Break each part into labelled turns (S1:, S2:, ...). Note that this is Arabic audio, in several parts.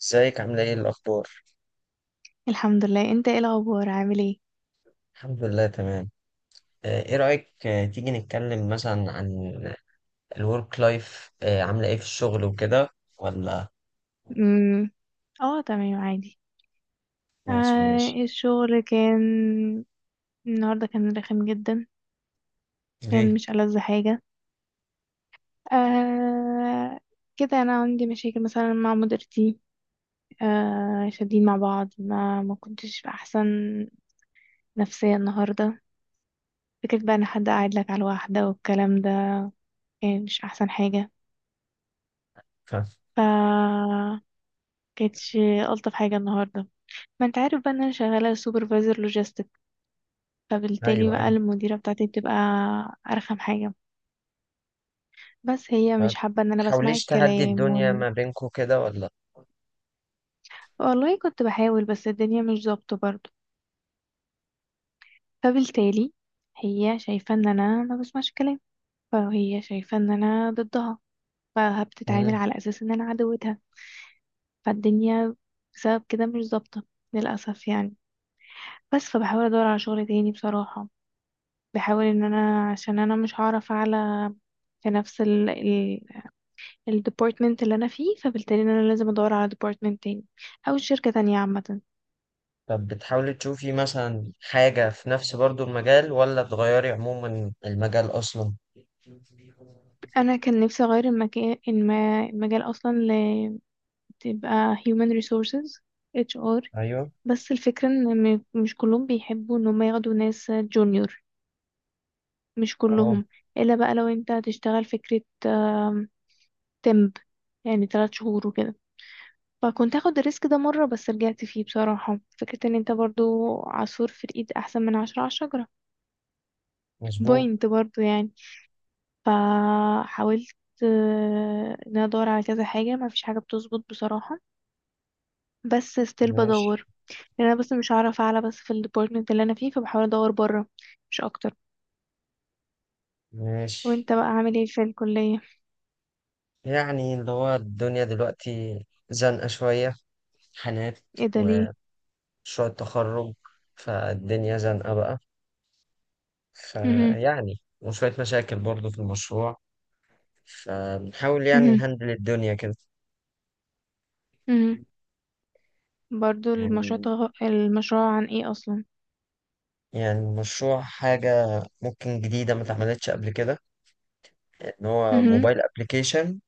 S1: ازيك عاملة ايه الأخبار؟
S2: الحمد لله. انت ايه الاخبار، عامل ايه؟
S1: الحمد لله تمام. ايه رأيك، تيجي نتكلم مثلا عن الورك لايف؟ عاملة ايه في الشغل وكده ولا؟
S2: امم اه تمام عادي.
S1: خلاص، ماشي.
S2: الشغل كان النهارده، كان رخم جدا. كان
S1: ليه؟
S2: مش ألذ حاجه. آه كده انا عندي مشاكل مثلا مع مديرتي. شادين مع بعض، ما كنتش في احسن نفسيه النهارده. فكرة بقى ان حد قاعد لك على واحده والكلام ده، كان مش احسن حاجه.
S1: ف...
S2: ف كانتش الطف حاجه النهارده. ما انت عارف بقى ان انا شغاله سوبرفايزر لوجيستكس، فبالتالي
S1: ايوه،
S2: بقى
S1: ايوه.
S2: المديرة بتاعتي بتبقى أرخم حاجة. بس هي
S1: ف-
S2: مش حابة إن أنا بسمع
S1: تحاوليش تهدي
S2: الكلام
S1: الدنيا ما بينكو كده ولا؟
S2: والله كنت بحاول بس الدنيا مش ظابطة برضه. فبالتالي هي شايفة إن أنا ما بسمعش كلام، فهي شايفة إن أنا ضدها، فبتتعامل
S1: مم.
S2: على أساس إن أنا عدوتها. فالدنيا بسبب كده مش ظابطة، للأسف يعني. بس فبحاول أدور على شغل تاني بصراحة. بحاول إن أنا، عشان أنا مش هعرف أعلى في نفس الديبارتمنت اللي انا فيه، فبالتالي إن انا لازم ادور على ديبارتمنت تاني او شركة تانية عامة.
S1: طب بتحاولي تشوفي مثلا حاجة في نفس برضو المجال ولا تغيري عموما المجال أصلا؟
S2: انا كان نفسي اغير المكان المجال اصلا، تبقى human resources، HR.
S1: ايوه.
S2: بس الفكرة ان مش كلهم بيحبوا ان هم ياخدوا ناس جونيور. مش
S1: اه،
S2: كلهم. الا بقى لو انت هتشتغل فكرة تمب، يعني 3 شهور وكده. فكنت هاخد الريسك ده مرة بس رجعت فيه بصراحة. فكرة ان انت برضو عصفور في الايد احسن من عشرة على الشجرة.
S1: مظبوط.
S2: بوينت برضو يعني. فحاولت، ان انا ادور على كذا حاجه، ما فيش حاجه بتظبط بصراحه. بس ستيل
S1: ماشي،
S2: بدور، لان انا بس مش هعرف اعلى بس في الديبارتمنت اللي انا فيه، فبحاول ادور بره مش اكتر.
S1: ماشي.
S2: وانت بقى عامل ايه في الكليه؟
S1: يعني اللي هو الدنيا دلوقتي زنقة شوية حالات
S2: ايه ده ليه؟
S1: ومشروع التخرج، فالدنيا زنقة بقى،
S2: مهم.
S1: فيعني وشوية مشاكل برضو في المشروع، فبنحاول يعني
S2: مهم.
S1: نهندل الدنيا كده.
S2: مهم. برضو المشروع،
S1: يعني
S2: المشروع عن ايه اصلا؟
S1: المشروع حاجة ممكن جديدة ما اتعملتش قبل كده، إن هو
S2: مهم.
S1: موبايل أبليكيشن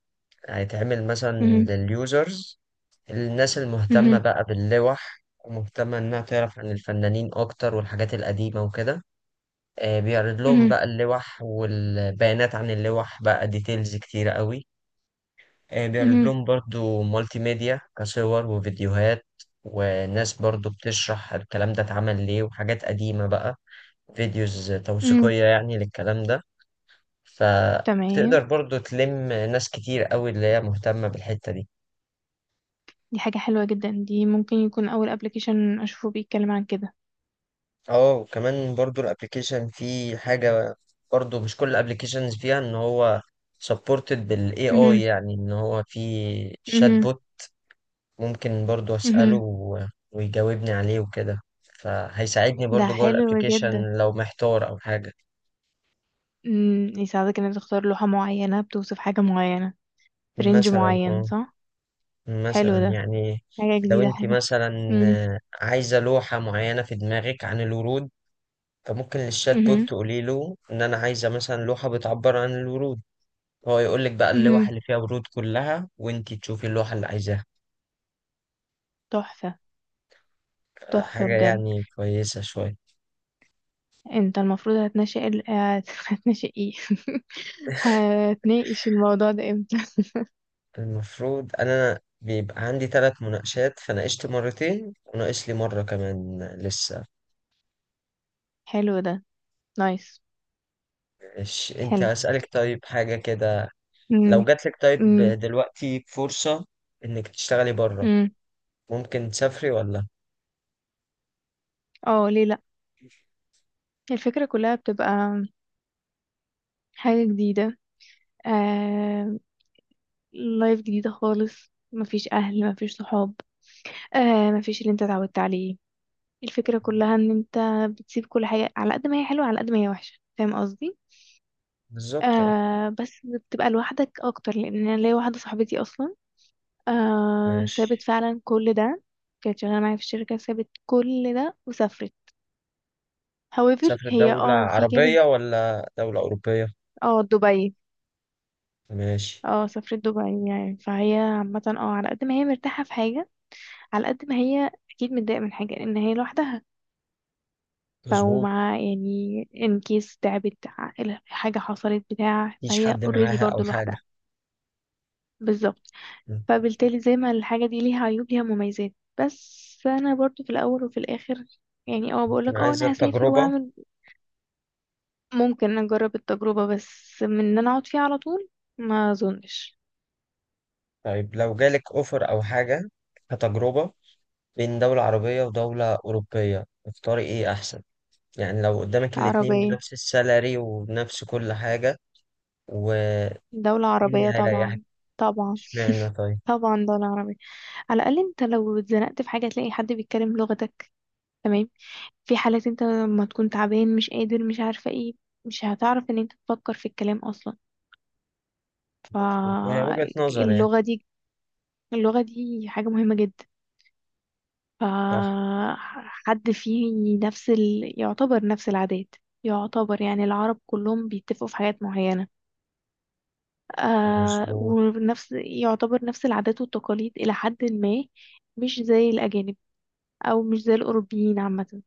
S1: هيتعمل مثلا
S2: مهم.
S1: لليوزرز، الناس المهتمة
S2: مهم.
S1: بقى باللوح ومهتمة إنها تعرف عن الفنانين أكتر والحاجات القديمة وكده. بيعرض لهم
S2: مهم.
S1: بقى اللوح والبيانات عن اللوح بقى ديتيلز كتيرة قوي. بيعرض
S2: مهم.
S1: لهم برضو مالتي ميديا كصور وفيديوهات، وناس برضو بتشرح الكلام ده اتعمل ليه وحاجات قديمة بقى، فيديوز
S2: مهم.
S1: توثيقية يعني للكلام ده، فبتقدر
S2: تمام.
S1: برضو تلم ناس كتير قوي اللي هي مهتمة بالحتة دي.
S2: دي حاجه حلوه جدا. دي ممكن يكون اول ابلكيشن اشوفه بيتكلم عن كده.
S1: اه، وكمان برضو الابليكيشن فيه حاجة، برضو مش كل الابليكيشنز فيها ان هو سبورتد بالاي اي،
S2: مهم.
S1: يعني ان هو في شات
S2: مهم.
S1: بوت ممكن برضو أسأله
S2: مهم.
S1: ويجاوبني عليه وكده، فهيساعدني
S2: ده
S1: برضو جوه
S2: حلو
S1: الابليكيشن
S2: جدا.
S1: لو محتار أو حاجة.
S2: امم، يساعدك انك تختار لوحة معينة بتوصف حاجة معينة في رينج
S1: مثلا،
S2: معين،
S1: اه،
S2: صح؟ حلو
S1: مثلا
S2: ده.
S1: يعني
S2: حاجة
S1: لو
S2: جديدة
S1: انت
S2: حلوة.
S1: مثلا
S2: امم.
S1: عايزة لوحة معينة في دماغك عن الورود، فممكن للشات بوت
S2: امم.
S1: تقولي له ان انا عايزة مثلا لوحة بتعبر عن الورود، هو يقول لك بقى اللوحة
S2: امم.
S1: اللي فيها ورود كلها وانت تشوفي اللوحة اللي عايزاها.
S2: تحفة. تحفة
S1: حاجة
S2: بجد.
S1: يعني كويسة شوية.
S2: انت المفروض هتناقش هتناقش ايه؟ هتناقش الموضوع ده امتى؟
S1: المفروض انا بيبقى عندي 3 مناقشات، فناقشت مرتين وناقش لي مرة كمان لسه.
S2: حلو ده. نايس.
S1: إيش، انت
S2: حلو.
S1: هسألك طيب حاجة كده. لو
S2: امم.
S1: جاتلك طيب
S2: امم.
S1: دلوقتي فرصة انك تشتغلي بره،
S2: امم.
S1: ممكن تسافري ولا؟
S2: اه ليه لا. الفكرة كلها بتبقى حاجة جديدة. آه... لايف جديدة خالص، مفيش اهل مفيش صحاب. مفيش اللي انت اتعودت عليه. الفكرة كلها ان انت بتسيب كل حاجة، على قد ما هي حلوة على قد ما هي وحشة، فاهم قصدي؟
S1: بالظبط، اه.
S2: بس بتبقى لوحدك اكتر، لان انا ليا واحدة صاحبتي اصلا. سابت
S1: ماشي.
S2: فعلا كل ده. كانت شغالة معايا في الشركة، سابت كل ده وسافرت. however
S1: تسافري
S2: هي
S1: دولة
S2: اه في جانب.
S1: عربية ولا دولة أوروبية؟
S2: اه، دبي.
S1: ماشي.
S2: اه سافرت دبي، يعني فهي عامة اه على قد ما هي مرتاحة في حاجة، على قد ما هي اكيد متضايقة من حاجة لان هي لوحدها. فهو
S1: مظبوط.
S2: معاه يعني ان كيس تعبت، حاجة حصلت بتاع،
S1: مفيش
S2: فهي
S1: حد
S2: اوريدي
S1: معاها أو
S2: برضو
S1: حاجة؟
S2: لوحدها. بالظبط.
S1: مم.
S2: فبالتالي زي ما الحاجة دي ليها عيوب ليها مميزات. بس انا برضو في الاول وفي الاخر، يعني
S1: ممكن
S2: بقولك انا
S1: عايزة
S2: هسافر
S1: تجربة.
S2: واعمل. ممكن اجرب التجربة، بس من ان انا اقعد فيها على طول، ما اظنش.
S1: طيب لو جالك أوفر أو حاجة كتجربة، بين دولة عربية ودولة أوروبية اختاري إيه أحسن؟ يعني لو قدامك الاتنين
S2: عربية.
S1: بنفس السالري وبنفس كل حاجة، وإيه
S2: دولة
S1: اللي
S2: عربية
S1: هيريحك؟
S2: طبعا. طبعا.
S1: إشمعنى طيب؟
S2: طبعا دولة عربية. على الأقل أنت لو اتزنقت في حاجة تلاقي حد بيتكلم لغتك، تمام؟ في حالات انت لما تكون تعبان، مش قادر، مش عارفة ايه، مش هتعرف ان انت تفكر في الكلام اصلا.
S1: مظبوط، وهي وجهة نظر يعني.
S2: فاللغة دي، اللغة دي حاجة مهمة جدا.
S1: صح.
S2: فحد فيه نفس يعتبر نفس العادات. يعتبر يعني العرب كلهم بيتفقوا في حاجات معينة.
S1: مظبوط.
S2: ونفس يعتبر نفس العادات والتقاليد إلى حد ما. مش زي الأجانب، أو مش زي الأوروبيين عامة.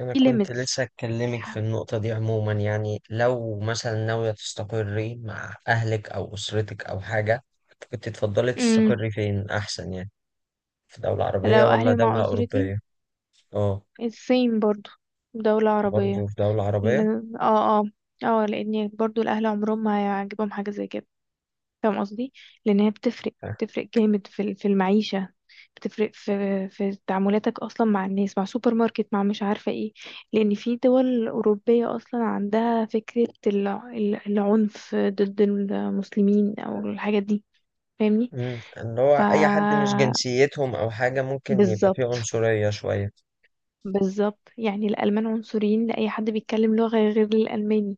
S1: أنا
S2: في
S1: كنت
S2: limits.
S1: لسه أتكلمك في النقطة دي عموما، يعني لو مثلا ناوية تستقري مع أهلك أو أسرتك أو حاجة، كنت تفضلي
S2: امم.
S1: تستقري فين أحسن يعني؟ في دولة عربية
S2: لو
S1: ولا
S2: أهلي مع
S1: دولة
S2: أسرتي،
S1: أوروبية؟ أه.
S2: الصين برضو. دولة عربية.
S1: برضه في دولة عربية؟
S2: اه اه. اه لأن برضو الأهل عمرهم ما هيعجبهم حاجة زي كده. فاهم قصدي؟ لأن هي بتفرق، بتفرق جامد في في المعيشة. بتفرق في تعاملاتك أصلا مع الناس، مع سوبر ماركت، مع مش عارفة ايه. لأن في دول أوروبية أصلا عندها فكرة العنف ضد المسلمين أو الحاجات دي. فاهمني؟
S1: مم. اللي هو
S2: ف
S1: أي حد مش جنسيتهم أو حاجة ممكن يبقى فيه
S2: بالظبط.
S1: عنصرية شوية.
S2: بالظبط، يعني الألمان عنصريين لأي حد بيتكلم لغة غير الألماني.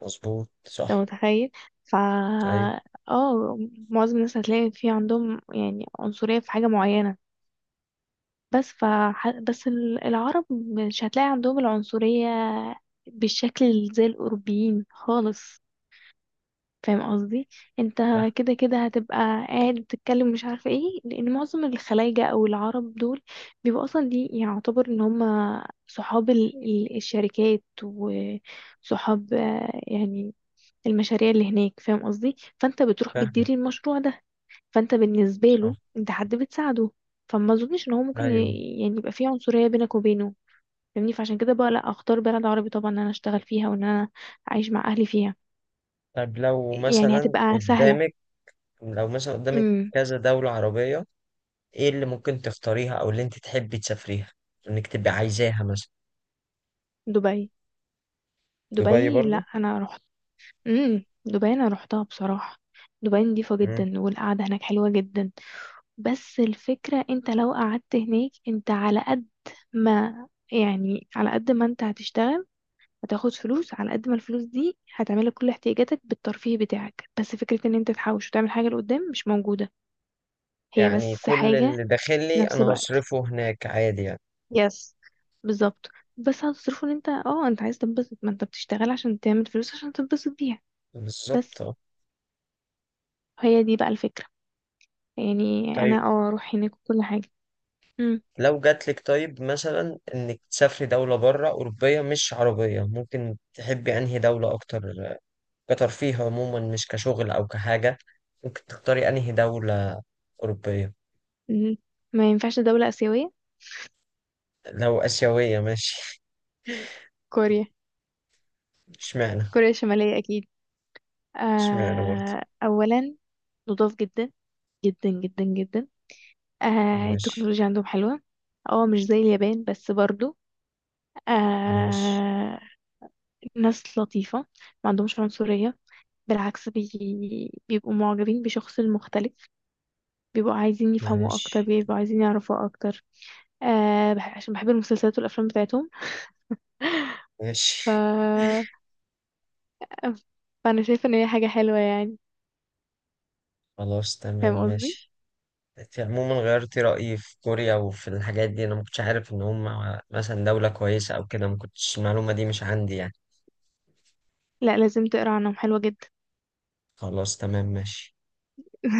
S1: مظبوط،
S2: انت
S1: صح.
S2: متخيل؟ ف
S1: أيوه.
S2: اه معظم الناس هتلاقي في عندهم يعني عنصرية في حاجة معينة. بس ف بس العرب مش هتلاقي عندهم العنصرية بالشكل زي الأوروبيين خالص. فاهم قصدي؟ انت
S1: فاهم.
S2: كده كده هتبقى قاعد بتتكلم مش عارفة ايه، لأن معظم الخلايجة أو العرب دول بيبقوا أصلا، دي يعتبر ان هم صحاب الشركات، وصحاب يعني المشاريع اللي هناك، فاهم قصدي؟ فانت بتروح
S1: فاهمك.
S2: بتديري المشروع ده، فانت بالنسبه له
S1: صح.
S2: انت حد بتساعده. فما اظنش ان هو ممكن
S1: أيوه.
S2: يعني يبقى فيه عنصريه بينك وبينه. فاهمني؟ فعشان كده بقى لا، اختار بلد عربي طبعا ان انا اشتغل فيها وان انا اعيش مع اهلي فيها،
S1: طب لو
S2: يعني
S1: مثلا
S2: هتبقى سهله.
S1: قدامك، لو مثلا قدامك
S2: امم.
S1: كذا دولة عربية، إيه اللي ممكن تختاريها أو اللي أنت تحبي تسافريها إنك تبقي عايزاها مثلا؟
S2: دبي.
S1: دبي
S2: دبي، لا
S1: برضو؟
S2: انا رحت. امم، دبي انا رحتها بصراحه. دبي نضيفة
S1: مم.
S2: جدا، والقعدة هناك حلوة جدا. بس الفكرة انت لو قعدت هناك، انت على قد ما، يعني على قد ما انت هتشتغل هتاخد فلوس، على قد ما الفلوس دي هتعملك كل احتياجاتك بالترفيه بتاعك. بس فكرة ان انت تحوش وتعمل حاجة لقدام، مش موجودة. هي
S1: يعني
S2: بس
S1: كل
S2: حاجة
S1: اللي
S2: في
S1: داخلي
S2: نفس
S1: أنا
S2: الوقت.
S1: هصرفه هناك عادي يعني.
S2: يس. بالظبط. بس هتصرفه ان انت، انت عايز تنبسط. ما انت بتشتغل عشان تعمل فلوس عشان تنبسط بيها.
S1: بالظبط،
S2: بس
S1: أه.
S2: هي دي بقى الفكرة. يعني انا
S1: طيب
S2: اروح هناك وكل حاجة. مم.
S1: لو جاتلك طيب مثلا انك تسافري دولة بره أوروبية مش عربية، ممكن تحبي أنهي دولة أكتر كترفيه عموما مش كشغل أو كحاجة؟ ممكن تختاري أنهي دولة أوروبية؟
S2: مم. ما ينفعش دولة آسيوية.
S1: لو آسيوية ماشي.
S2: كوريا.
S1: اشمعنى؟
S2: كوريا الشمالية اكيد.
S1: اشمعنى برضه؟
S2: اولا نضاف جدا، جدا جدا جدا.
S1: ماشي.
S2: التكنولوجيا عندهم حلوة. اه مش زي اليابان بس برضو.
S1: ماشي.
S2: آه. ناس لطيفة. ما عندهمش عنصرية. بالعكس بيبقوا معجبين بشخص المختلف. بيبقوا عايزين يفهموا أكتر،
S1: ماشي.
S2: بيبقوا عايزين يعرفوا أكتر. عشان بحب المسلسلات والأفلام بتاعتهم. ف...
S1: ماشي.
S2: فأنا شايفة إن هي حاجة حلوة يعني.
S1: خلاص، تمام،
S2: فاهم قصدي؟
S1: ماشي. انت عموما غيرتي رأيي في كوريا وفي الحاجات دي، أنا ما كنتش عارف إن هم مثلا دولة كويسة أو كده، ما كنتش المعلومة دي مش عندي يعني.
S2: لا لازم تقرا عنهم، حلوة جدا.
S1: خلاص، تمام، ماشي.